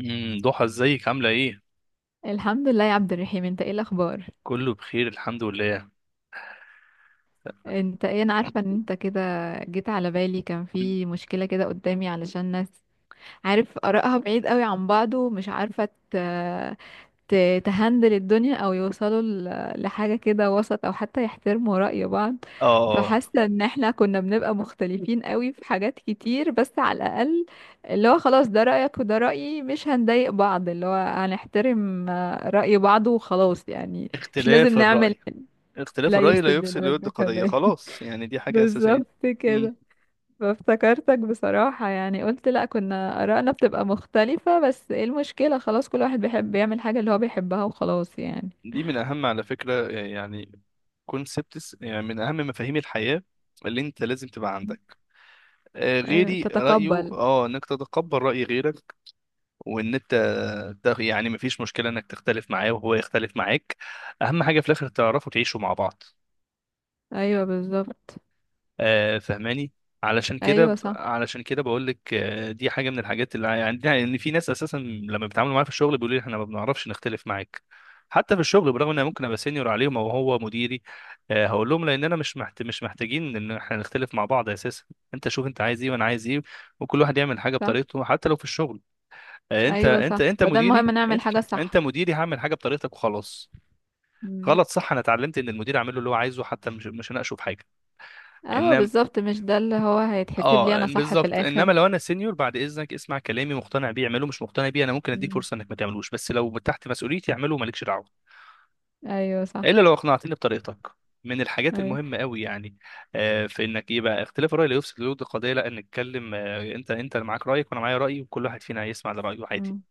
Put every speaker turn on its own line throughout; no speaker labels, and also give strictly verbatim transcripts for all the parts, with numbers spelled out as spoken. امم ضحى، ازيك؟ عاملة ايه؟
الحمد لله يا عبد الرحيم، انت ايه الاخبار؟
كله بخير، الحمد لله.
انت ايه، انا عارفه ان انت كده جيت على بالي. كان في مشكله كده قدامي علشان ناس عارف ارائها بعيد قوي عن بعض ومش عارفه ت- ت- تهندل الدنيا او يوصلوا ل- لحاجه كده وسط او حتى يحترموا رأي بعض.
اه.
فحاسه ان احنا كنا بنبقى مختلفين قوي في حاجات كتير، بس على الاقل اللي هو خلاص ده رأيك وده رأيي، مش هنضايق بعض، اللي هو هنحترم آه، رأي بعض وخلاص يعني. مش لازم
اختلاف
نعمل.
الرأي. اختلاف
لا
الرأي لا
يفسد
يفسد للود
للود
قضية،
قضية.
خلاص يعني. دي حاجة أساسية.
بالظبط
امم.
كده. فافتكرتك بصراحة يعني، قلت لا كنا آرائنا بتبقى مختلفة، بس ايه المشكلة؟ خلاص كل واحد بيحب يعمل حاجة اللي هو بيحبها وخلاص يعني.
دي من أهم، على فكرة يعني، كونسبتس، يعني من أهم مفاهيم الحياة اللي انت لازم تبقى عندك. آه،
ايوه
غيري رأيه
تتقبل.
اه انك تتقبل رأي غيرك. وان انت ده يعني مفيش مشكلة انك تختلف معاه وهو يختلف معاك، اهم حاجة في الاخر تعرفوا تعيشوا مع بعض.
ايوه بالظبط.
آه، فهماني؟ علشان كده
ايوه
ب-
صح.
علشان كده بقول لك، آه، دي حاجه من الحاجات اللي عندنا، ان في ناس اساسا لما بيتعاملوا معايا في الشغل بيقولوا لي احنا ما بنعرفش نختلف معاك، حتى في الشغل، برغم ان انا ممكن ابقى سينيور عليهم او هو مديري. آه، هقول لهم لاننا مش محت... مش محتاجين ان احنا نختلف مع بعض اساسا. انت شوف انت عايز ايه وانا عايز ايه، وكل واحد يعمل حاجه
صح.
بطريقته، حتى لو في الشغل. آه، انت
ايوه
انت
صح،
انت
بدل
مديري،
مهم نعمل
انت
حاجة،
انت
صح.
مديري هعمل حاجه بطريقتك وخلاص.
مم.
غلط، صح. انا اتعلمت ان المدير اعمل له اللي هو عايزه، حتى مش مش هناقشه في حاجه،
اه
انما.
بالظبط، مش ده اللي هو هيتحسب لي
اه
انا صح في
بالظبط، انما
الاخر؟
لو انا سينيور، بعد اذنك اسمع كلامي، مقتنع بيه اعمله، مش مقتنع بيه انا ممكن اديك
مم.
فرصه انك ما تعملوش، بس لو تحت مسؤوليتي اعمله، مالكش دعوه،
ايوه صح.
الا لو اقنعتني بطريقتك. من الحاجات
ايوه.
المهمه قوي يعني، آه في انك يبقى اختلاف الراي لا يفسد للود القضيه، لا نتكلم، آه انت انت اللي معاك رايك وانا معايا رايي، وكل واحد فينا هيسمع لرايه عادي.
مم.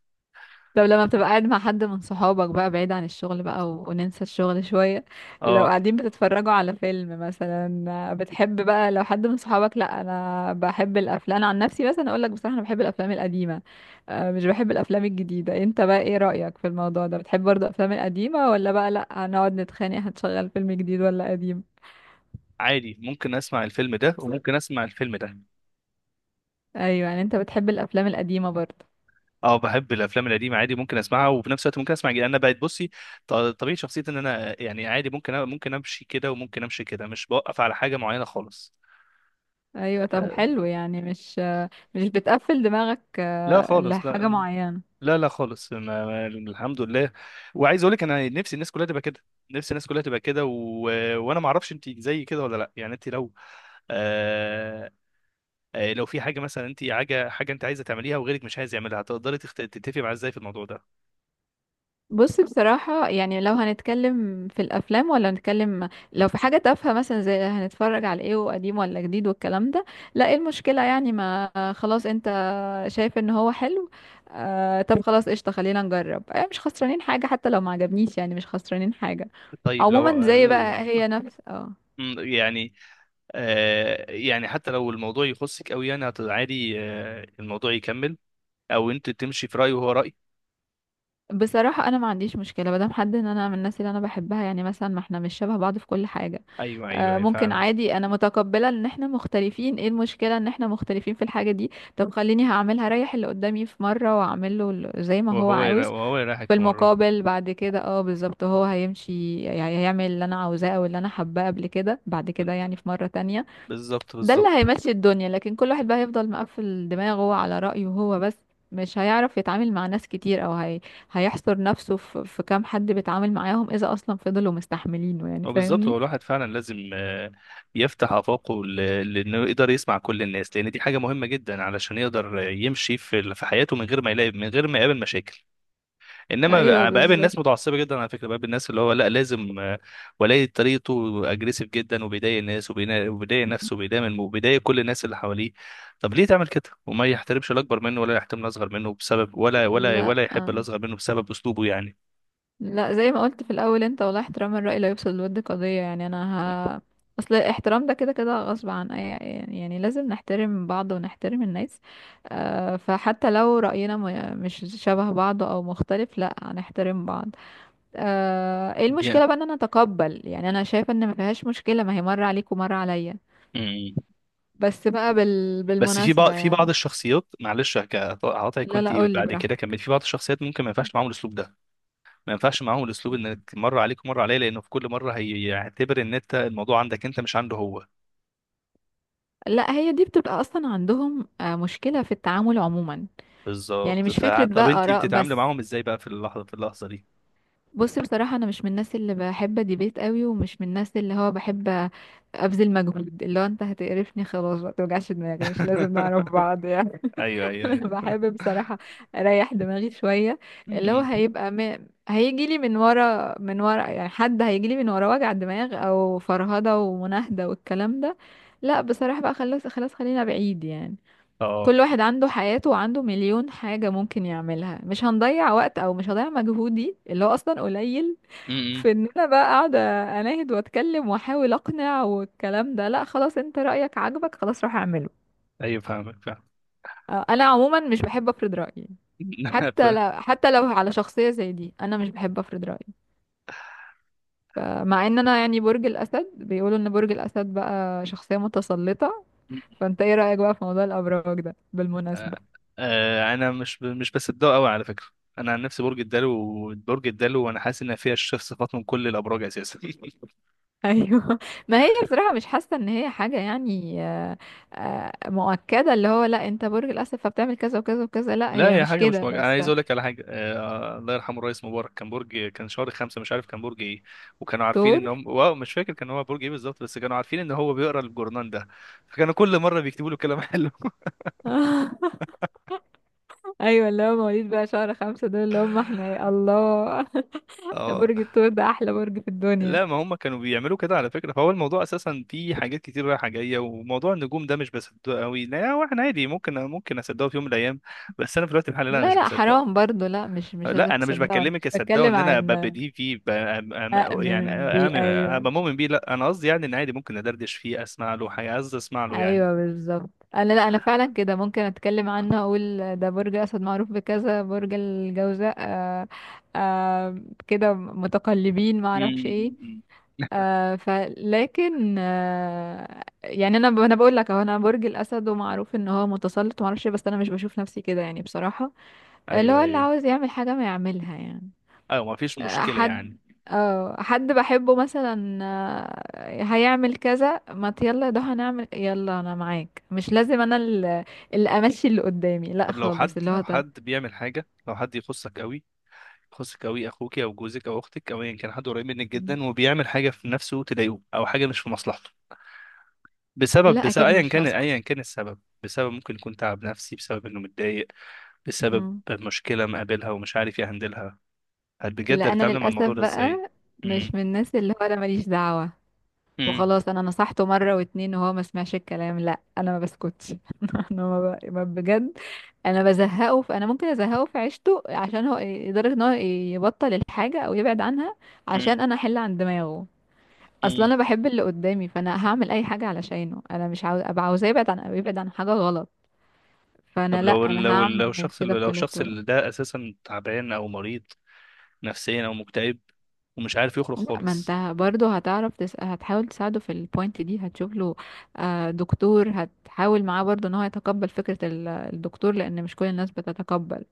طب لما بتبقى قاعد مع حد من صحابك بقى بعيد عن الشغل بقى و... وننسى الشغل شوية، لو
اه،
قاعدين بتتفرجوا على فيلم مثلا، بتحب بقى لو حد من صحابك؟ لا انا بحب الافلام، انا عن نفسي مثلا اقول لك بصراحة انا بحب الافلام القديمة، آه، مش بحب الافلام الجديدة. انت بقى ايه رأيك في الموضوع ده؟ بتحب برضه الافلام القديمة، ولا بقى لا هنقعد نتخانق هتشغل فيلم جديد ولا قديم؟
عادي ممكن اسمع الفيلم ده وممكن اسمع الفيلم ده.
ايوه يعني انت بتحب الافلام القديمة برضه.
اه، بحب الافلام القديمه عادي، ممكن اسمعها وفي نفس الوقت ممكن اسمع جديد. انا بقت بصي، ط- طبيعه شخصيتي ان انا يعني عادي، ممكن أ- ممكن امشي كده وممكن امشي كده، مش بوقف على حاجه معينه خالص.
ايوه طب
آه،
حلو يعني، مش مش بتقفل دماغك
لا
آه،
خالص،
لحاجة
لا.
معينة.
لا، لا خالص، ما- ما- الحمد لله. وعايز اقول لك انا نفسي الناس كلها تبقى كده، نفسي الناس كلها تبقى كده و... وانا ما اعرفش انت زي كده ولا لا، يعني انت لو، آه... آه، لو في حاجه مثلا، انت، حاجه حاجه انت عايزه تعمليها وغيرك مش عايز يعملها، هتقدري تخت... تتفقي معاه ازاي في الموضوع ده؟
بص بصراحة يعني، لو هنتكلم في الأفلام، ولا هنتكلم لو في حاجة تافهة مثلا زي هنتفرج على ايه وقديم ولا جديد والكلام ده، لا ايه المشكلة يعني؟ ما خلاص انت شايف ان هو حلو، آه طب خلاص قشطة خلينا نجرب، آه مش خسرانين حاجة، حتى لو ما عجبنيش يعني مش خسرانين حاجة.
طيب لو
عموما زي بقى هي نفس اه.
م، يعني آه، يعني حتى لو الموضوع يخصك قوي يعني، هت- عادي، آه، الموضوع يكمل او انت تمشي في رأي وهو رأي.
بصراحة انا ما عنديش مشكلة مادام حد ان انا من الناس اللي انا بحبها، يعني مثلا، ما احنا مش شبه بعض في كل حاجة،
ايوه، ايوه،
آه،
ايوه،
ممكن
فعلا.
عادي، انا متقبلة ان احنا مختلفين. ايه المشكلة ان احنا مختلفين في الحاجة دي؟ طب خليني هعملها، ريح اللي قدامي في مرة واعمل له ال- زي ما هو
وهو يرا-
عاوز.
وهو يريحك
في
في مرة.
المقابل بعد كده، اه بالظبط، هو هيمشي يعني، هيعمل اللي انا عاوزاه او اللي انا حباه قبل كده بعد كده
بنت-
يعني في مرة تانية.
بالظبط،
ده اللي
بالظبط.
هيمشي الدنيا، لكن كل واحد بقى هيفضل مقفل دماغه على رأيه هو بس، مش هيعرف يتعامل مع ناس كتير، او هي... هيحصر نفسه في... في كام حد بيتعامل معاهم، اذا اصلا فضلوا مستحملينه، يعني
هو بالظبط، هو
فاهمني؟
الواحد فعلا لازم آه، يفتح آفاقه، ل- لأنه يقدر يسمع كل الناس، لأن دي حاجة مهمة جدا علشان يقدر يمشي في ال- في حياته من غير ما يلاقي، من غير ما يقابل مشاكل.
ايوه
انما بقابل ناس
بالظبط.
متعصبه جدا، على فكره، بقابل الناس اللي هو لا لازم، آه، ولاية طريقته اجريسيف جدا، وبيضايق الناس، وبينا- وبيضايق نفسه، وبيضايق من- وبيضايق كل الناس اللي حواليه. طب ليه تعمل كده وما يحترمش الاكبر منه، ولا يحترم الاصغر منه بسبب، ولا ولا
لا
ولا يحب
آه.
الاصغر منه بسبب اسلوبه يعني؟
لا زي ما قلت في الاول، انت والله احترام الرأي لا يفسد للود قضية يعني. انا ه... اصل الاحترام ده كده كده غصب عن اي، يعني يعني لازم نحترم بعض ونحترم الناس. آه فحتى لو رأينا ما- مش شبه بعض او مختلف، لا هنحترم بعض. آه ايه
دي
المشكلة بقى ان انا اتقبل؟ يعني انا شايفة ان ما فيهاش مشكلة، ما هي مرة عليك ومرة عليا.
مم.
بس بقى بال...
بس في بعض
بالمناسبة
في بعض
يعني.
الشخصيات، معلش هك- هقاطعك
لا
وانت
لا قولي
بعد كده
براحتك.
كمل، في بعض الشخصيات ممكن ما ينفعش معاهم الاسلوب ده، ما ينفعش معاهم الاسلوب انك مره عليك ومره عليه، لانه في كل مره هيعتبر ان انت الموضوع عندك انت، مش عنده هو.
لا هي دي بتبقى اصلا عندهم آه، مشكلة في التعامل عموما. يعني
بالظبط،
مش
ف...
فكرة
طب
بقى
انت
آراء
بتتعاملي
بس.
معاهم ازاي بقى في اللحظه في اللحظه دي؟
بص بصراحة، أنا مش من الناس اللي بحب ديبيت قوي، ومش من الناس اللي هو بحب أبذل مجهود، اللي هو أنت هتقرفني خلاص، ما توجعش دماغي، مش لازم نعرف بعض يعني.
ايوه، ايوه، ايوه.
أنا بحب بصراحة أريح دماغي شوية. اللي هو
م-م.
هيبقى م... هيجي لي من ورا من ورا يعني. حد هيجي لي من ورا وجع دماغ أو فرهدة ومناهدة والكلام ده، لا بصراحة بقى خلاص خلاص خلينا بعيد يعني.
اه.
كل واحد عنده حياته وعنده مليون حاجة ممكن يعملها، مش هنضيع وقت، او مش هضيع مجهودي اللي هو اصلا قليل
م-م.
في ان انا بقى قاعدة اناهد واتكلم واحاول اقنع والكلام ده. لا خلاص، انت رأيك عاجبك خلاص روح اعمله.
ايوه، فاهمك، فاهم.
آه، انا عموما مش بحب افرض رأيي.
ف...
حتى لو حتى لو على شخصية زي دي انا مش بحب افرض رأيي. فمع ان انا يعني برج الاسد، بيقولوا ان برج الاسد بقى شخصية متسلطة. فانت ايه رأيك بقى في موضوع الابراج ده
آه،
بالمناسبة؟
آه، انا مش ب- مش بصدقه قوي، على فكره. انا عن نفسي برج الدلو، برج الدلو وانا حاسس ان فيها الشيخ صفات من كل الابراج اساسا
ايوه ما هي بصراحه مش حاسه ان هي حاجه يعني، آه، آه، مؤكده اللي هو لا انت برج الاسد فبتعمل كذا وكذا وكذا، لا
لا،
هي
هي
مش
حاجه مش
كده
مج... انا
بس.
عايز اقول لك على حاجه. آه الله يرحمه الرئيس مبارك كان برج كان شهر خمسة، مش عارف كان برج ايه، وكانوا عارفين ان
دكتور.
هم، واو، مش فاكر كان هو برج ايه بالظبط، بس كانوا عارفين ان هو بيقرا الجورنان ده، فكانوا كل مره بيكتبوا له كلام حلو
ايوه، اللي هو مواليد بقى شهر خمسة دول اللي هم احنا، يا الله.
اه،
برج الثور ده احلى برج في الدنيا.
لا، ما هم كانوا بيعملوا كده على فكره، فهو الموضوع اساسا فيه حاجات كتير رايحه جايه. وموضوع النجوم ده مش بصدقه قوي، لا هو، احنا عادي ممكن، ممكن اصدقه في يوم من الايام، بس انا في الوقت الحالي لا، أنا
لا
مش
لا
بصدقه.
حرام برضو، لا مش مش لازم
لا، انا مش
تصدقوا، انا
بكلمك
مش
اصدقه
بتكلم
ان انا
عن
ببديه فيه، ب... أم-
آه،
أم- يعني
من بي،
أم-
ايوه.
ابقى مؤمن بيه. لا، انا قصدي يعني ان عادي ممكن ادردش فيه، اسمع له حاجه، قصدي اسمع له يعني.
ايوه بالظبط، انا لا انا فعلا كده، ممكن اتكلم عنه اقول ده برج اسد معروف بكذا، برج الجوزاء آه آه كده متقلبين ما اعرفش ايه.
امم.
آه فلكن آه يعني انا ب- انا بقول لك اهو، انا برج الاسد ومعروف ان هو متسلط وما اعرفش إيه، بس انا مش بشوف نفسي كده يعني بصراحه. اللي هو
ايوه،
اللي
ايوه،
عاوز يعمل حاجه ما يعملها يعني.
ايوه، ما فيش مشكله
حد،
يعني.
اه حد بحبه مثلا آه، هيعمل كذا، ما ت- يلا ده هنعمل، يلا انا معاك، مش لازم انا اللي, اللي امشي اللي قدامي، لا
طب لو حد
خالص، اللي
لو
هو ده.
حد بيعمل حاجه لو حد يخصك قوي، يخصك قوي اخوك او جوزك او اختك او ايا كان حد قريب منك
مم.
جدا، وبيعمل حاجه في نفسه تضايقه او حاجه مش في مصلحته، بسبب
لا
بسبب
اكيد
ايا
مش
كان
هسكت.
ايا كان السبب، بسبب ممكن يكون تعب نفسي بسبب انه متضايق، بسبب
مم.
مشكله مقابلها ومش عارف يهندلها. هل بجد
لا انا
هتتعامل مع
للاسف
الموضوع ده ازاي؟
بقى مش من
امم.
الناس اللي هو انا ماليش دعوة
امم.
وخلاص. انا نصحته مرة واتنين وهو ما سمعش الكلام، لا انا ما بسكتش. انا ما ب... ما بجد انا بزهقه، فانا ممكن ازهقه في عيشته عشان هو، لدرجه ان هو يبطل الحاجه او يبعد عنها،
امم.
عشان انا احل عن دماغه. اصلا
امم.
انا بحب اللي قدامي، فانا هعمل اي حاجه علشانه، انا مش عاوز ابقى، عاوزاه يبعد عن أو يبعد عن حاجه غلط. فانا
طب
لا
لو
انا
لو لو
هعمل
الشخص
كده
اللي لو
بكل
الشخص
الطرق.
اللي ده اساسا تعبان او مريض نفسيا او مكتئب، ومش عارف يخرج
لا ما
خالص.
انت برضه هتعرف تس... هتحاول تساعده في البوينت دي، هتشوف له آه، دكتور، هتحاول معاه برضه ان هو يتقبل فكره ال- الدكتور، لان مش كل الناس بتتقبل.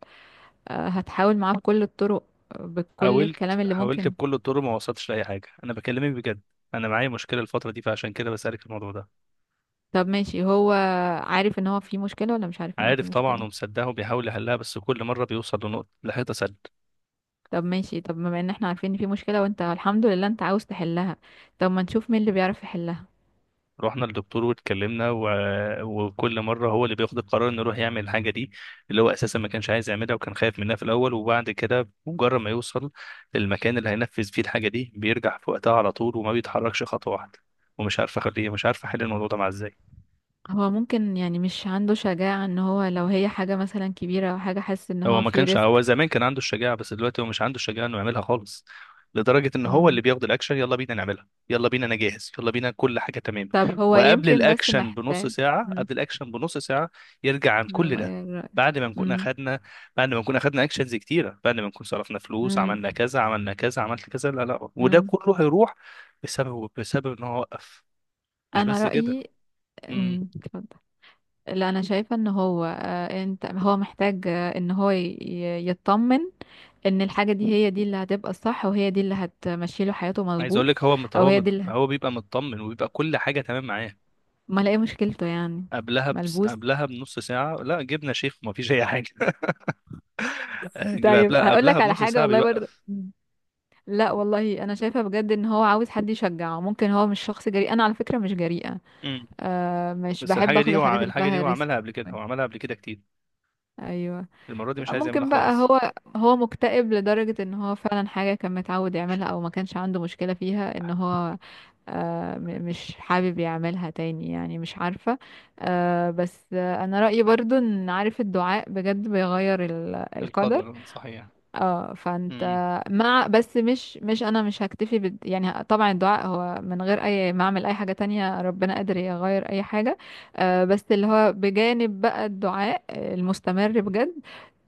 آه، هتحاول معاه بكل الطرق، بكل
حاولت،
الكلام اللي
حاولت
ممكن.
بكل الطرق، ما وصلتش لاي حاجه. انا بكلمك بجد، انا معايا مشكله الفتره دي، فعشان كده بسالك الموضوع ده.
طب ماشي، هو عارف ان هو في مشكلة ولا مش عارف ان هو في
عارف طبعا
مشكلة؟
ومصدقه وبيحاول يحلها، بس كل مره بيوصل لنقطه، لحيطه سد.
طب ماشي، طب بما ان احنا عارفين ان في مشكلة وانت الحمد لله انت عاوز تحلها، طب ما نشوف مين اللي بيعرف يحلها.
رحنا للدكتور واتكلمنا و... وكل مره هو اللي بياخد القرار انه يروح يعمل الحاجه دي، اللي هو اساسا ما كانش عايز يعملها وكان خايف منها في الاول، وبعد كده مجرد ما يوصل للمكان اللي هينفذ فيه الحاجه دي بيرجع في وقتها على طول، وما بيتحركش خطوه واحده، ومش عارف اخليه، مش عارف احل الموضوع ده مع، ازاي.
هو ممكن يعني مش عنده شجاعة، ان هو لو هي حاجة مثلا كبيرة او حاجة حاسس ان
هو
هو
ما
في
كانش هو
ريسك.
زمان كان عنده الشجاعة، بس دلوقتي هو مش عنده الشجاعة انه يعملها خالص، لدرجة ان هو اللي
مم.
بياخد الاكشن، يلا بينا نعملها، يلا بينا، انا جاهز، يلا بينا، كل حاجة تمام،
طب هو
وقبل
يمكن بس
الاكشن بنص
محتاج.
ساعة،
مم.
قبل الاكشن بنص ساعة، يرجع عن كل ده،
بيغير رأيه.
بعد ما نكون
مم.
اخدنا بعد ما نكون اخدنا اكشنز كتيرة، بعد ما نكون صرفنا فلوس،
مم.
عملنا كذا، عملنا كذا، عملت كذا، لا، لا، وده
مم.
كله هيروح بسبب، بسبب ان هو وقف. مش
انا
بس كده.
رأيي.
امم.
مم. اتفضل. لا انا شايفه ان هو آه، انت هو محتاج آه، ان هو ي- ي- يطمن ان الحاجه دي هي دي اللي هتبقى الصح وهي دي اللي هتمشي له حياته
عايز
مظبوط.
اقول لك، هو مت...
او
هو
هي
مت...
دي اللي هت...
هو بيبقى مطمن وبيبقى كل حاجة تمام معاه
ما الاقي مشكلته يعني.
قبلها، بس
ملبوس.
قبلها بنص ساعة لا، جبنا شيخ وما فيش أي حاجة. جب-
طيب
قبلها
هقول
قبلها
لك على
بنص
حاجه
ساعة
والله برضه،
بيوقف.
لا والله انا شايفه بجد ان هو عاوز حد يشجعه، ممكن هو مش شخص جريء، انا على فكره مش جريئه،
امم.
آه مش
بس
بحب
الحاجة
اخد
دي هو عم-
الحاجات اللي
الحاجة دي
فيها
هو عملها
ريسك.
قبل كده، هو عملها قبل كده كتير،
ايوه.
المرة دي
لا
مش عايز يعملها
ممكن بقى
خالص.
هو، هو مكتئب لدرجة ان هو فعلا حاجة كان متعود يعملها او ما كانش عنده مشكلة فيها ان هو آه، م- مش حابب يعملها تاني يعني مش عارفة. آه، بس آه، انا رأيي برضو ان، عارف الدعاء بجد بيغير ال- القدر.
القدر صحيح.
اه فانت،
امم.
مع بس مش مش انا مش هكتفي بد يعني، طبعا الدعاء هو، من غير اي ما اعمل اي حاجة تانية ربنا قادر يغير اي حاجة. آه، بس اللي هو بجانب بقى الدعاء المستمر بجد،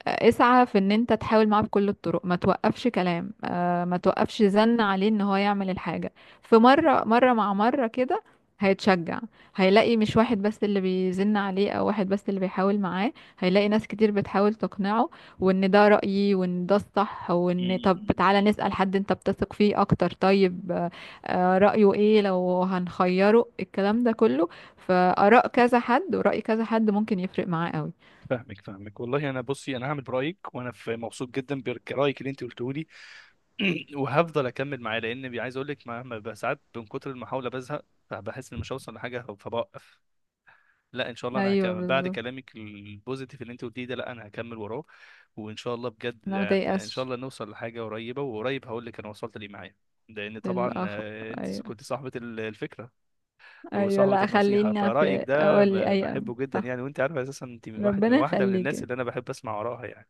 اسعى في ان انت تحاول معاه بكل الطرق، ما توقفش كلام، آه، ما توقفش زن عليه ان هو يعمل الحاجة في مرة مرة مع مرة كده، هيتشجع. هيلاقي مش واحد بس اللي بيزن عليه او واحد بس اللي بيحاول معاه، هيلاقي ناس كتير بتحاول تقنعه، وان ده رأيي وان ده الصح، وان طب
أمم.
تعالى نسأل حد انت بتثق فيه اكتر، طيب آه، آه، رأيه ايه، لو هنخيره الكلام ده كله، فآراء كذا حد ورأي كذا حد ممكن يفرق معاه قوي.
فاهمك، فاهمك والله. انا بصي، انا هعمل برايك، وانا في مبسوط جدا برايك اللي انت قلته لي. وهفضل اكمل معاه، لان، بي- عايز اقول لك، ما ما- بقى ساعات من كتر المحاوله بزهق، فبحس اني مش هوصل لحاجه فبوقف. لا، ان شاء الله انا
ايوه
هكمل بعد
بالظبط.
كلامك البوزيتيف اللي انت قلتيه ده، لا انا هكمل وراه، وان شاء الله بجد،
لا ما
هت- ان شاء
تيأسش.
الله نوصل لحاجه قريبه، وقريب هقول لك انا وصلت ليه معايا، لان طبعا،
الأخ.
آه، انت
أيوة.
كنت صاحبه ال- الفكره
أيوة
وصاحبه
لا
النصيحه،
خليني
فرايك
في
ده
أقول لي
ب-
أي أم.
بحبه جدا
صح.
يعني، وانت عارفه اساسا انت من واحد من
ربنا
واحده من الناس
يخليك.
اللي انا بحب اسمع وراها يعني.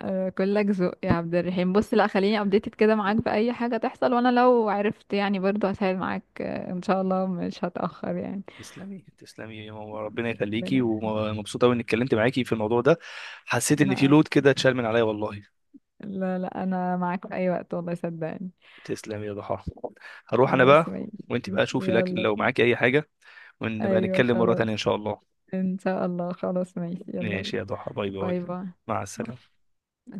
آه، كلك ذوق يا عبد الرحيم. بص لا خليني ابديتد كده معاك بأي حاجة تحصل، وأنا لو عرفت يعني برضو هساعد معاك، آه، إن شاء الله مش هتأخر يعني.
تسلمي، تسلمي يا ماما، ربنا يخليكي،
ربنا يخليك.
ومبسوطه قوي اني اتكلمت معاكي في الموضوع ده، حسيت ان في
أنا
لود
أكتر.
كده اتشال من عليا والله.
لا لا، أنا معاك في أي وقت والله، صدقني.
تسلم يا ضحى، هروح انا
خلاص
بقى،
ماشي.
وانت بقى شوفي الاكل
يلا
لو
طيب.
معاكي اي حاجه، ونبقى
أيوة
نتكلم مره تانية ان
خلاص.
شاء الله.
إن شاء الله خلاص ماشي يلا بينا.
ماشي يا ضحى، باي باي.
باي باي
مع
باي.
السلامه.